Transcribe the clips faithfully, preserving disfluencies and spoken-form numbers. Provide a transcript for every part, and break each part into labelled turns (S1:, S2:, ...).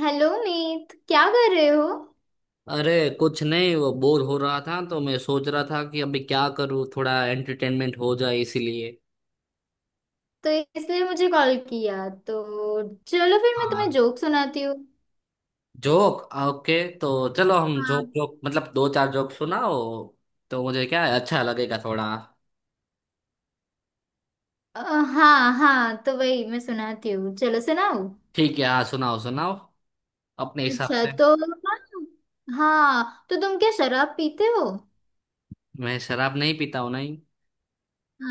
S1: Hello Meet, क्या कर रहे हो।
S2: अरे। कुछ नहीं, वो बोर हो रहा था तो मैं सोच रहा था कि अभी क्या करूँ, थोड़ा एंटरटेनमेंट हो जाए इसीलिए।
S1: तो इसलिए मुझे कॉल किया तो चलो फिर मैं तुम्हें
S2: हाँ।
S1: जोक सुनाती हूँ।
S2: जोक। ओके तो चलो हम
S1: हाँ।
S2: जोक जोक मतलब दो चार जोक सुनाओ। तो मुझे क्या है, अच्छा लगेगा थोड़ा।
S1: अ, हाँ हाँ, तो वही मैं सुनाती हूँ, चलो सुनाओ।
S2: ठीक है, हाँ सुनाओ सुनाओ, अपने हिसाब
S1: अच्छा
S2: से।
S1: तो हाँ, तो तुम क्या शराब पीते हो।
S2: मैं शराब नहीं पीता हूँ, नहीं।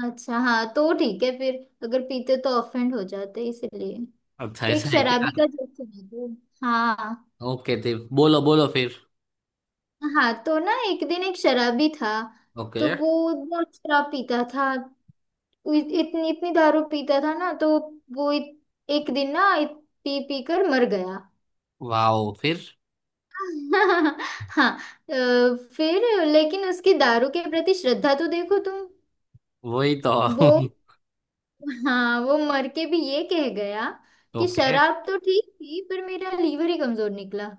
S1: अच्छा हाँ, तो ठीक है फिर। अगर पीते तो ऑफेंड हो जाते इसलिए
S2: अच्छा अच्छा,
S1: तो एक
S2: ऐसा है क्या?
S1: शराबी का जोक सुनाती हूँ। हाँ।
S2: ओके जी। बोलो बोलो फिर।
S1: हाँ तो ना, एक दिन एक शराबी था।
S2: ओके।
S1: तो वो बहुत शराब पीता था। उ- इतनी इतनी दारू पीता था ना, तो वो इत, एक दिन ना इत, पी पी कर मर गया।
S2: वाओ, फिर?
S1: हाँ। अ, फिर लेकिन उसकी दारू के प्रति श्रद्धा तो देखो तुम।
S2: वही तो।
S1: वो हाँ, वो मर के भी ये कह गया कि
S2: ओके।
S1: शराब तो ठीक थी, पर मेरा लीवर ही कमजोर निकला।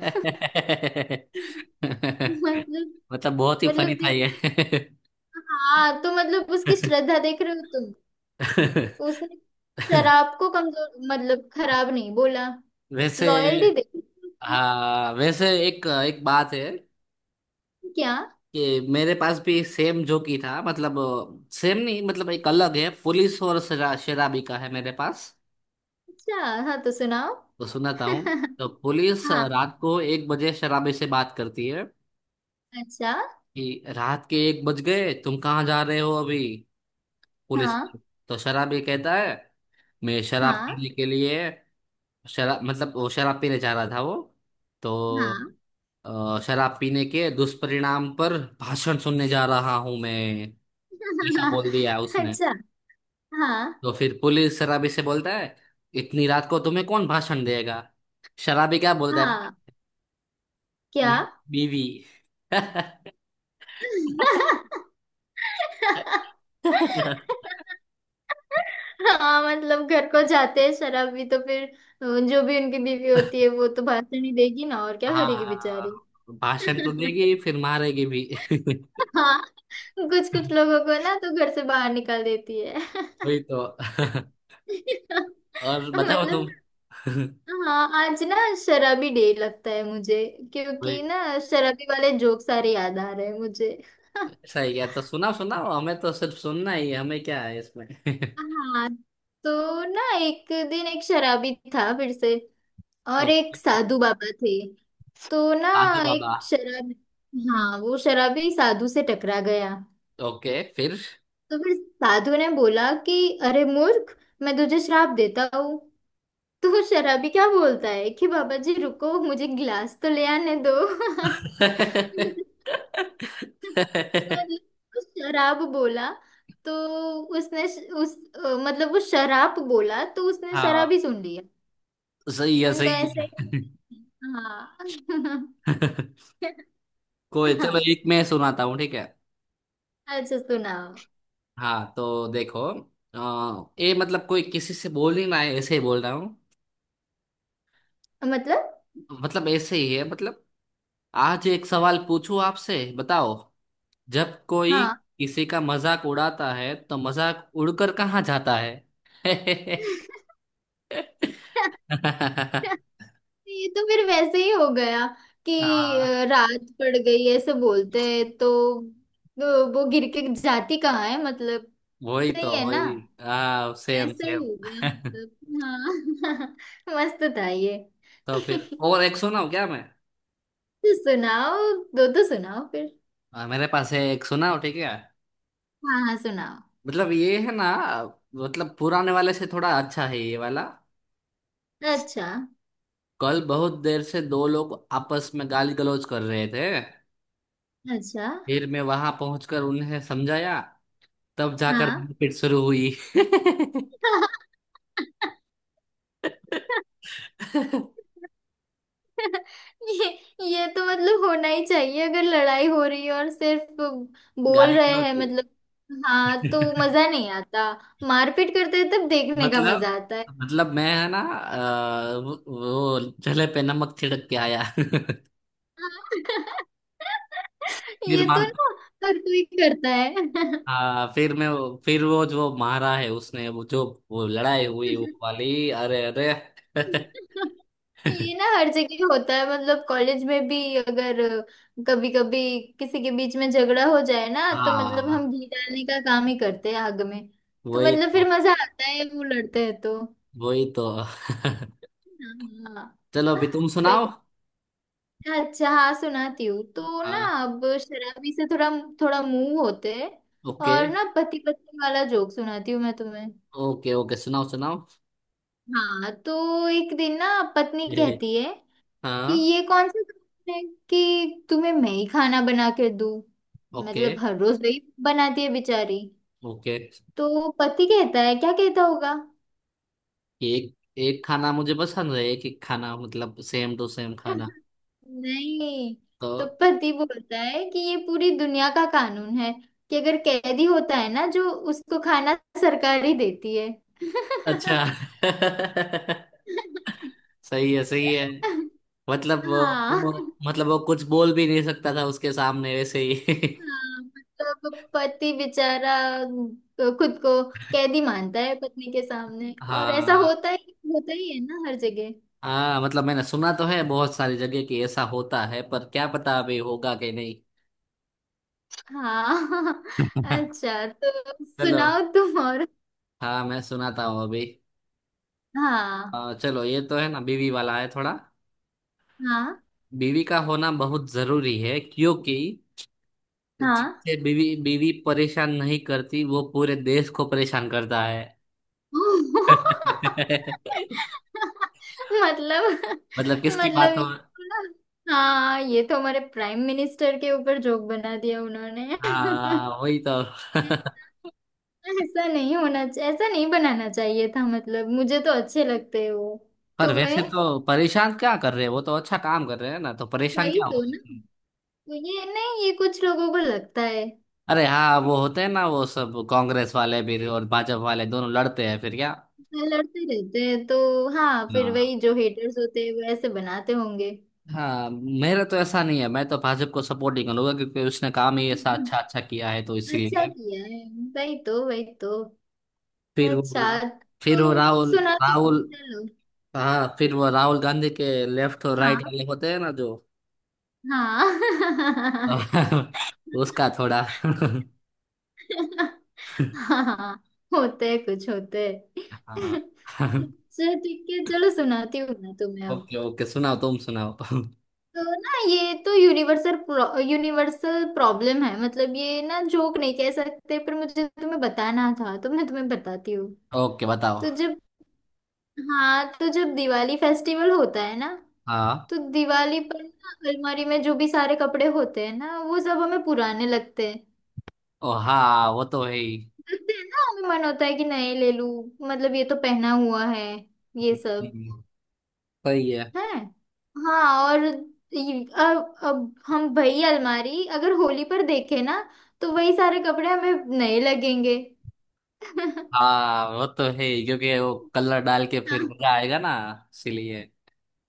S1: मतलब।
S2: मतलब बहुत ही फनी
S1: मतलब
S2: था ये।
S1: देख। हाँ तो मतलब उसकी श्रद्धा देख रहे हो तुम। उसने शराब को कमजोर, मतलब खराब नहीं बोला।
S2: वैसे,
S1: लॉयल्टी देख।
S2: हाँ वैसे एक एक बात है
S1: क्या।
S2: कि मेरे पास भी सेम जोकी था, मतलब सेम नहीं, मतलब एक अलग है, पुलिस और शरा, शराबी का है मेरे पास।
S1: अच्छा हाँ, तो सुनाओ।
S2: तो सुनाता हूँ। तो पुलिस
S1: हाँ।
S2: रात को एक बजे शराबी से बात करती है
S1: अच्छा।
S2: कि रात के एक बज गए, तुम कहाँ जा रहे हो अभी, पुलिस।
S1: हाँ।
S2: तो शराबी कहता है, मैं शराब
S1: हाँ।
S2: पीने के लिए, शराब मतलब वो शराब पीने जा रहा था वो। तो
S1: हाँ।
S2: अ, शराब पीने के दुष्परिणाम पर भाषण सुनने जा रहा हूं मैं, ऐसा बोल दिया उसने।
S1: अच्छा। हाँ।
S2: तो फिर पुलिस शराबी से बोलता है, इतनी रात को तुम्हें कौन भाषण देगा? शराबी क्या बोलता है,
S1: हाँ। क्या।
S2: "मैं, बीवी"।
S1: हाँ, मतलब घर को जाते हैं शराब भी, तो फिर अ, जो भी उनकी बीवी होती है वो तो भाषण ही देगी ना, और क्या करेगी
S2: हाँ,
S1: बेचारी।
S2: भाषण तो देगी, फिर मारेगी भी।
S1: हाँ। कुछ कुछ लोगों को ना तो घर से बाहर निकाल देती है।
S2: वही तो। और बताओ
S1: मतलब
S2: तुम।
S1: हाँ, आज ना शराबी डे लगता है मुझे, क्योंकि
S2: वही,
S1: ना शराबी वाले जोक सारे याद आ रहे हैं मुझे।
S2: ऐसा ही क्या, तो सुनाओ सुनाओ, हमें तो सिर्फ सुनना ही है, हमें क्या है इसमें।
S1: हाँ, तो ना एक दिन एक शराबी था फिर से, और एक
S2: ओके।
S1: साधु बाबा थे। तो ना
S2: साधु बाबा।
S1: एक शराब, हाँ वो शराबी साधु से टकरा गया।
S2: ओके फिर।
S1: तो फिर साधु ने बोला कि अरे मूर्ख, मैं तुझे श्राप देता हूँ। तो वो शराबी क्या बोलता है कि बाबा जी रुको, मुझे गिलास तो ले आने दो। मतलब वो शराब बोला, तो उसने श- उस अ, मतलब वो शराब बोला तो उसने
S2: हाँ,
S1: शराब ही सुन लिया।
S2: सही है
S1: उनका
S2: सही
S1: ऐसा
S2: है।
S1: ही। हाँ।
S2: कोई,
S1: हाँ,
S2: चलो एक मैं सुनाता हूँ ठीक है।
S1: अच्छा सुनाओ।
S2: हाँ तो देखो, अ, ये मतलब कोई किसी से बोल नहीं रहा है, ऐसे ही बोल रहा हूँ,
S1: मतलब
S2: मतलब ऐसे ही है मतलब। आज एक सवाल पूछूं आपसे, बताओ, जब कोई
S1: हाँ।
S2: किसी का मजाक उड़ाता है तो मजाक उड़कर कहाँ जाता है?
S1: ये तो फिर वैसे ही हो गया कि
S2: हाँ,
S1: अ, रात पड़ गई ऐसे बोलते हैं, तो तो वो गिर के जाती कहाँ है मतलब।
S2: वही
S1: सही
S2: तो
S1: है ना।
S2: वही। हाँ सेम
S1: वैसा ही
S2: सेम।
S1: हो गया मतलब हाँ। मस्त था ये।
S2: तो फिर और एक सुनाओ क्या मैं?
S1: तो सुनाओ, दो तो सुनाओ फिर।
S2: आ, मेरे पास है, एक सुनाओ ठीक है।
S1: हाँ हाँ सुनाओ।
S2: मतलब ये है ना, मतलब पुराने वाले से थोड़ा अच्छा है ये वाला।
S1: अच्छा।
S2: कल बहुत देर से दो लोग आपस में गाली गलौज कर रहे थे,
S1: अच्छा
S2: फिर मैं वहां पहुंचकर उन्हें समझाया, तब जाकर
S1: हाँ।
S2: मारपीट शुरू हुई।
S1: ये ये तो मतलब होना ही चाहिए अगर लड़ाई हो रही है और सिर्फ बोल
S2: गाली
S1: रहे
S2: गलौज
S1: हैं
S2: की।
S1: मतलब। हाँ तो मजा नहीं आता। मारपीट करते हैं तब देखने का
S2: मतलब,
S1: मजा आता है।
S2: मतलब मैं है ना अ, वो वो जले पे नमक छिड़क के आया। फिर
S1: ये तो
S2: मार,
S1: ना हर कोई करता है।
S2: हाँ फिर मैं वो- फिर वो जो मारा है उसने, वो जो, वो लड़ाई हुई वो वाली, अरे अरे।
S1: ये ना हर जगह होता है मतलब, कॉलेज में भी अगर कभी कभी किसी के बीच में झगड़ा हो जाए ना, तो मतलब हम
S2: हाँ
S1: घी डालने का काम ही करते हैं आग में। तो
S2: वही
S1: मतलब
S2: तो
S1: फिर मजा आता है वो लड़ते हैं तो।
S2: वही तो।
S1: हाँ।
S2: चलो अभी तुम
S1: सही।
S2: सुनाओ।
S1: अच्छा हाँ, सुनाती हूँ तो ना,
S2: हाँ।
S1: अब शराबी से थोड़ा थोड़ा मुंह होते हैं।
S2: ओके
S1: और ना पति पत्नी वाला जोक सुनाती हूँ मैं तुम्हें।
S2: ओके। ओके सुनाओ सुनाओ।
S1: हाँ, तो एक दिन ना पत्नी
S2: ये,
S1: कहती है कि
S2: हाँ।
S1: ये कौन सा काम है कि तुम्हें मैं ही खाना बना के दूं।
S2: ओके
S1: मतलब हर रोज वही बनाती है बेचारी।
S2: ओके।
S1: तो पति कहता है, क्या कहता होगा।
S2: एक एक खाना मुझे पसंद है, एक एक खाना मतलब सेम टू सेम खाना।
S1: नहीं,
S2: तो,
S1: तो पति बोलता है कि ये पूरी दुनिया का कानून है कि अगर कैदी होता है ना, जो उसको खाना सरकार ही देती है।
S2: अच्छा। सही है सही है। मतलब वो,
S1: हाँ।
S2: मतलब वो कुछ बोल भी नहीं सकता था उसके सामने वैसे ही।
S1: हाँ, मतलब पति बेचारा खुद को कैदी मानता है पत्नी के सामने, और ऐसा
S2: हाँ।
S1: होता ही होता ही है ना हर जगह।
S2: हाँ मतलब मैंने सुना तो है बहुत सारी जगह कि ऐसा होता है, पर क्या पता अभी होगा कि नहीं।
S1: हाँ। अच्छा, तो
S2: चलो।
S1: सुनाओ तुम और।
S2: हाँ मैं सुनाता हूँ अभी।
S1: हाँ।
S2: अ, चलो ये तो है ना, बीवी वाला है थोड़ा।
S1: हाँ।
S2: बीवी का होना बहुत जरूरी है, क्योंकि
S1: हाँ।
S2: जिससे बीवी बीवी परेशान नहीं करती वो पूरे देश को परेशान करता है।
S1: मतलब।
S2: मतलब किसकी
S1: मतलब
S2: बात हो।
S1: ये तो ना हाँ, ये तो हमारे प्राइम मिनिस्टर के ऊपर जोक बना दिया उन्होंने।
S2: हाँ वही तो।
S1: ऐसा ऐसा नहीं होना चाहिए, ऐसा नहीं बनाना चाहिए था, मतलब मुझे तो अच्छे लगते हैं वो।
S2: पर
S1: तुम्हें
S2: वैसे तो परेशान क्या कर रहे हैं वो, तो अच्छा काम कर रहे हैं ना, तो परेशान
S1: वही
S2: क्या
S1: तो
S2: हुआ?
S1: ना। तो ये नहीं, ये कुछ लोगों को लगता है।
S2: अरे हाँ, वो होते हैं ना, वो सब कांग्रेस वाले भी और भाजपा वाले दोनों लड़ते हैं, फिर क्या।
S1: लड़ते रहते हैं तो हाँ, फिर
S2: हाँ।
S1: वही जो हेटर्स होते हैं वो ऐसे बनाते होंगे।
S2: हाँ मेरा तो ऐसा नहीं है, मैं तो भाजपा को सपोर्ट ही करूंगा क्योंकि उसने काम ही ऐसा अच्छा अच्छा किया है तो
S1: अच्छा
S2: इसीलिए।
S1: किया है। वही तो, वही तो।
S2: फिर
S1: अच्छा।
S2: वो,
S1: तो
S2: फिर वो राहुल,
S1: सुना तो
S2: राहुल,
S1: चलो।
S2: हाँ फिर वो राहुल गांधी के लेफ्ट और राइट
S1: हाँ।
S2: वाले होते हैं ना जो।
S1: हाँ।
S2: उसका थोड़ा।
S1: हाँ, होते हैं कुछ होते हैं।
S2: हाँ।
S1: अच्छा ठीक है, चलो सुनाती हूँ ना तुम्हें अब।
S2: ओके ओके, सुनाओ तुम सुनाओ।
S1: तो ना, ये तो यूनिवर्सल यूनिवर्सल प्रॉब्लम है, मतलब ये ना जोक नहीं कह सकते, पर मुझे तुम्हें बताना था तो मैं तुम्हें बताती हूँ।
S2: ओके बताओ।
S1: तो जब हाँ, तो जब दिवाली फेस्टिवल होता है ना,
S2: हाँ।
S1: तो दिवाली पर ना अलमारी में जो भी सारे कपड़े होते हैं ना वो सब हमें पुराने लगते हैं।
S2: ओ हाँ, वो तो है ही।
S1: लगते हैं ना, हमें मन होता है कि नए ले लूं, मतलब ये तो पहना हुआ है ये सब
S2: हम्म, सही है।
S1: है। हाँ और ये- अब अब हम वही अलमारी अगर होली पर देखें ना, तो वही सारे कपड़े हमें नए लगेंगे।
S2: हाँ वो तो है ही, क्योंकि वो कलर डाल के फिर मजा आएगा ना, इसीलिए।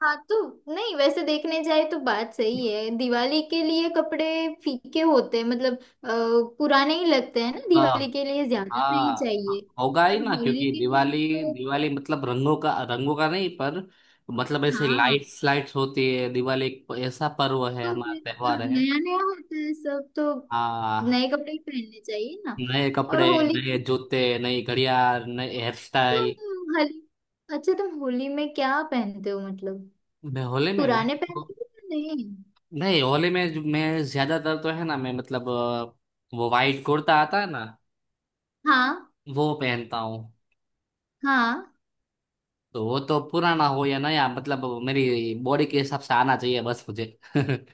S1: हाँ तो नहीं, वैसे देखने जाए तो बात सही है, दिवाली के लिए कपड़े फीके होते हैं मतलब, अ, पुराने ही लगते हैं ना,
S2: हाँ।
S1: दिवाली के लिए ज्यादा नहीं
S2: हाँ।
S1: चाहिए।
S2: हाँ, होगा ही
S1: पर
S2: ना,
S1: होली
S2: क्योंकि
S1: के लिए
S2: दिवाली,
S1: तो
S2: दिवाली मतलब रंगों का, रंगों का नहीं पर, मतलब ऐसे
S1: हाँ। हाँ
S2: लाइट्स लाइट्स होती है। दिवाली एक ऐसा पर्व है,
S1: तो
S2: हमारा
S1: फिर
S2: त्योहार है।
S1: नया नया होता है सब, तो नए
S2: हाँ।
S1: कपड़े ही पहनने चाहिए ना।
S2: नए
S1: और
S2: कपड़े,
S1: होली
S2: नए
S1: की
S2: जूते, नई घड़ियाल, नए हेयर स्टाइल।
S1: तुम होली, अच्छा तुम होली में क्या पहनते हो मतलब,
S2: मैं होले में मैं,
S1: पुराने पहनते हो या नहीं।
S2: नहीं होली में जो मैं ज्यादातर तो है ना, मैं मतलब अ, वो वाइट कुर्ता आता है ना,
S1: हाँ।
S2: वो पहनता हूँ।
S1: हाँ,
S2: तो वो तो पुराना हो या नया, मतलब मेरी बॉडी के हिसाब से आना चाहिए बस मुझे।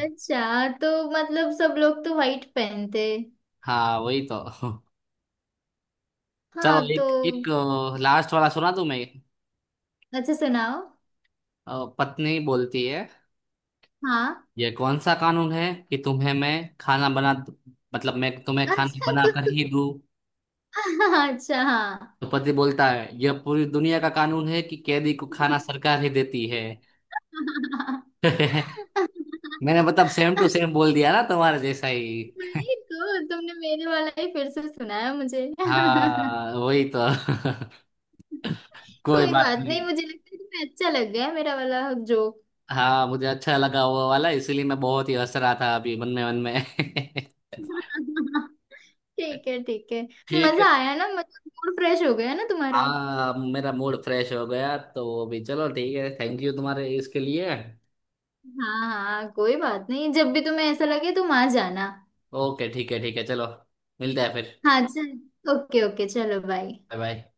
S1: अच्छा तो मतलब सब लोग तो व्हाइट पहनते हैं।
S2: हाँ वही तो। चलो
S1: हाँ तो
S2: एक एक, लास्ट वाला सुना दूं मैं।
S1: अच्छा सुनाओ।
S2: अ, पत्नी बोलती है,
S1: हाँ।
S2: ये कौन सा कानून है कि तुम्हें मैं खाना बना, मतलब मैं तुम्हें खाना
S1: अच्छा
S2: बना
S1: तो
S2: कर
S1: तो-
S2: ही दूं?
S1: अच्छा हाँ,
S2: तो पति बोलता है, यह पूरी दुनिया का कानून है कि कैदी को खाना सरकार ही देती है। मैंने मतलब सेम टू सेम बोल दिया ना तुम्हारे जैसा ही।
S1: नहीं तो तुमने मेरे वाला ही फिर से सुनाया मुझे।
S2: हाँ वही तो। कोई
S1: कोई
S2: बात
S1: बात
S2: नहीं।
S1: नहीं, मुझे लगता है तुम्हें अच्छा लग गया मेरा वाला जोक।
S2: हाँ मुझे अच्छा लगा वो वाला, इसीलिए मैं बहुत ही हंस रहा था अभी, मन में मन में।
S1: ठीक है ठीक है।
S2: ठीक है।
S1: मजा आया ना, मतलब मूड फ्रेश हो गया ना तुम्हारा।
S2: हाँ मेरा मूड फ्रेश हो गया तो अभी, चलो ठीक है, थैंक यू तुम्हारे इसके लिए।
S1: हाँ हाँ कोई बात नहीं, जब भी तुम्हें ऐसा लगे तुम आ जाना।
S2: ओके ठीक है ठीक है, चलो मिलते हैं फिर।
S1: हाँ चल, ओके ओके, चलो बाय।
S2: Bye bye.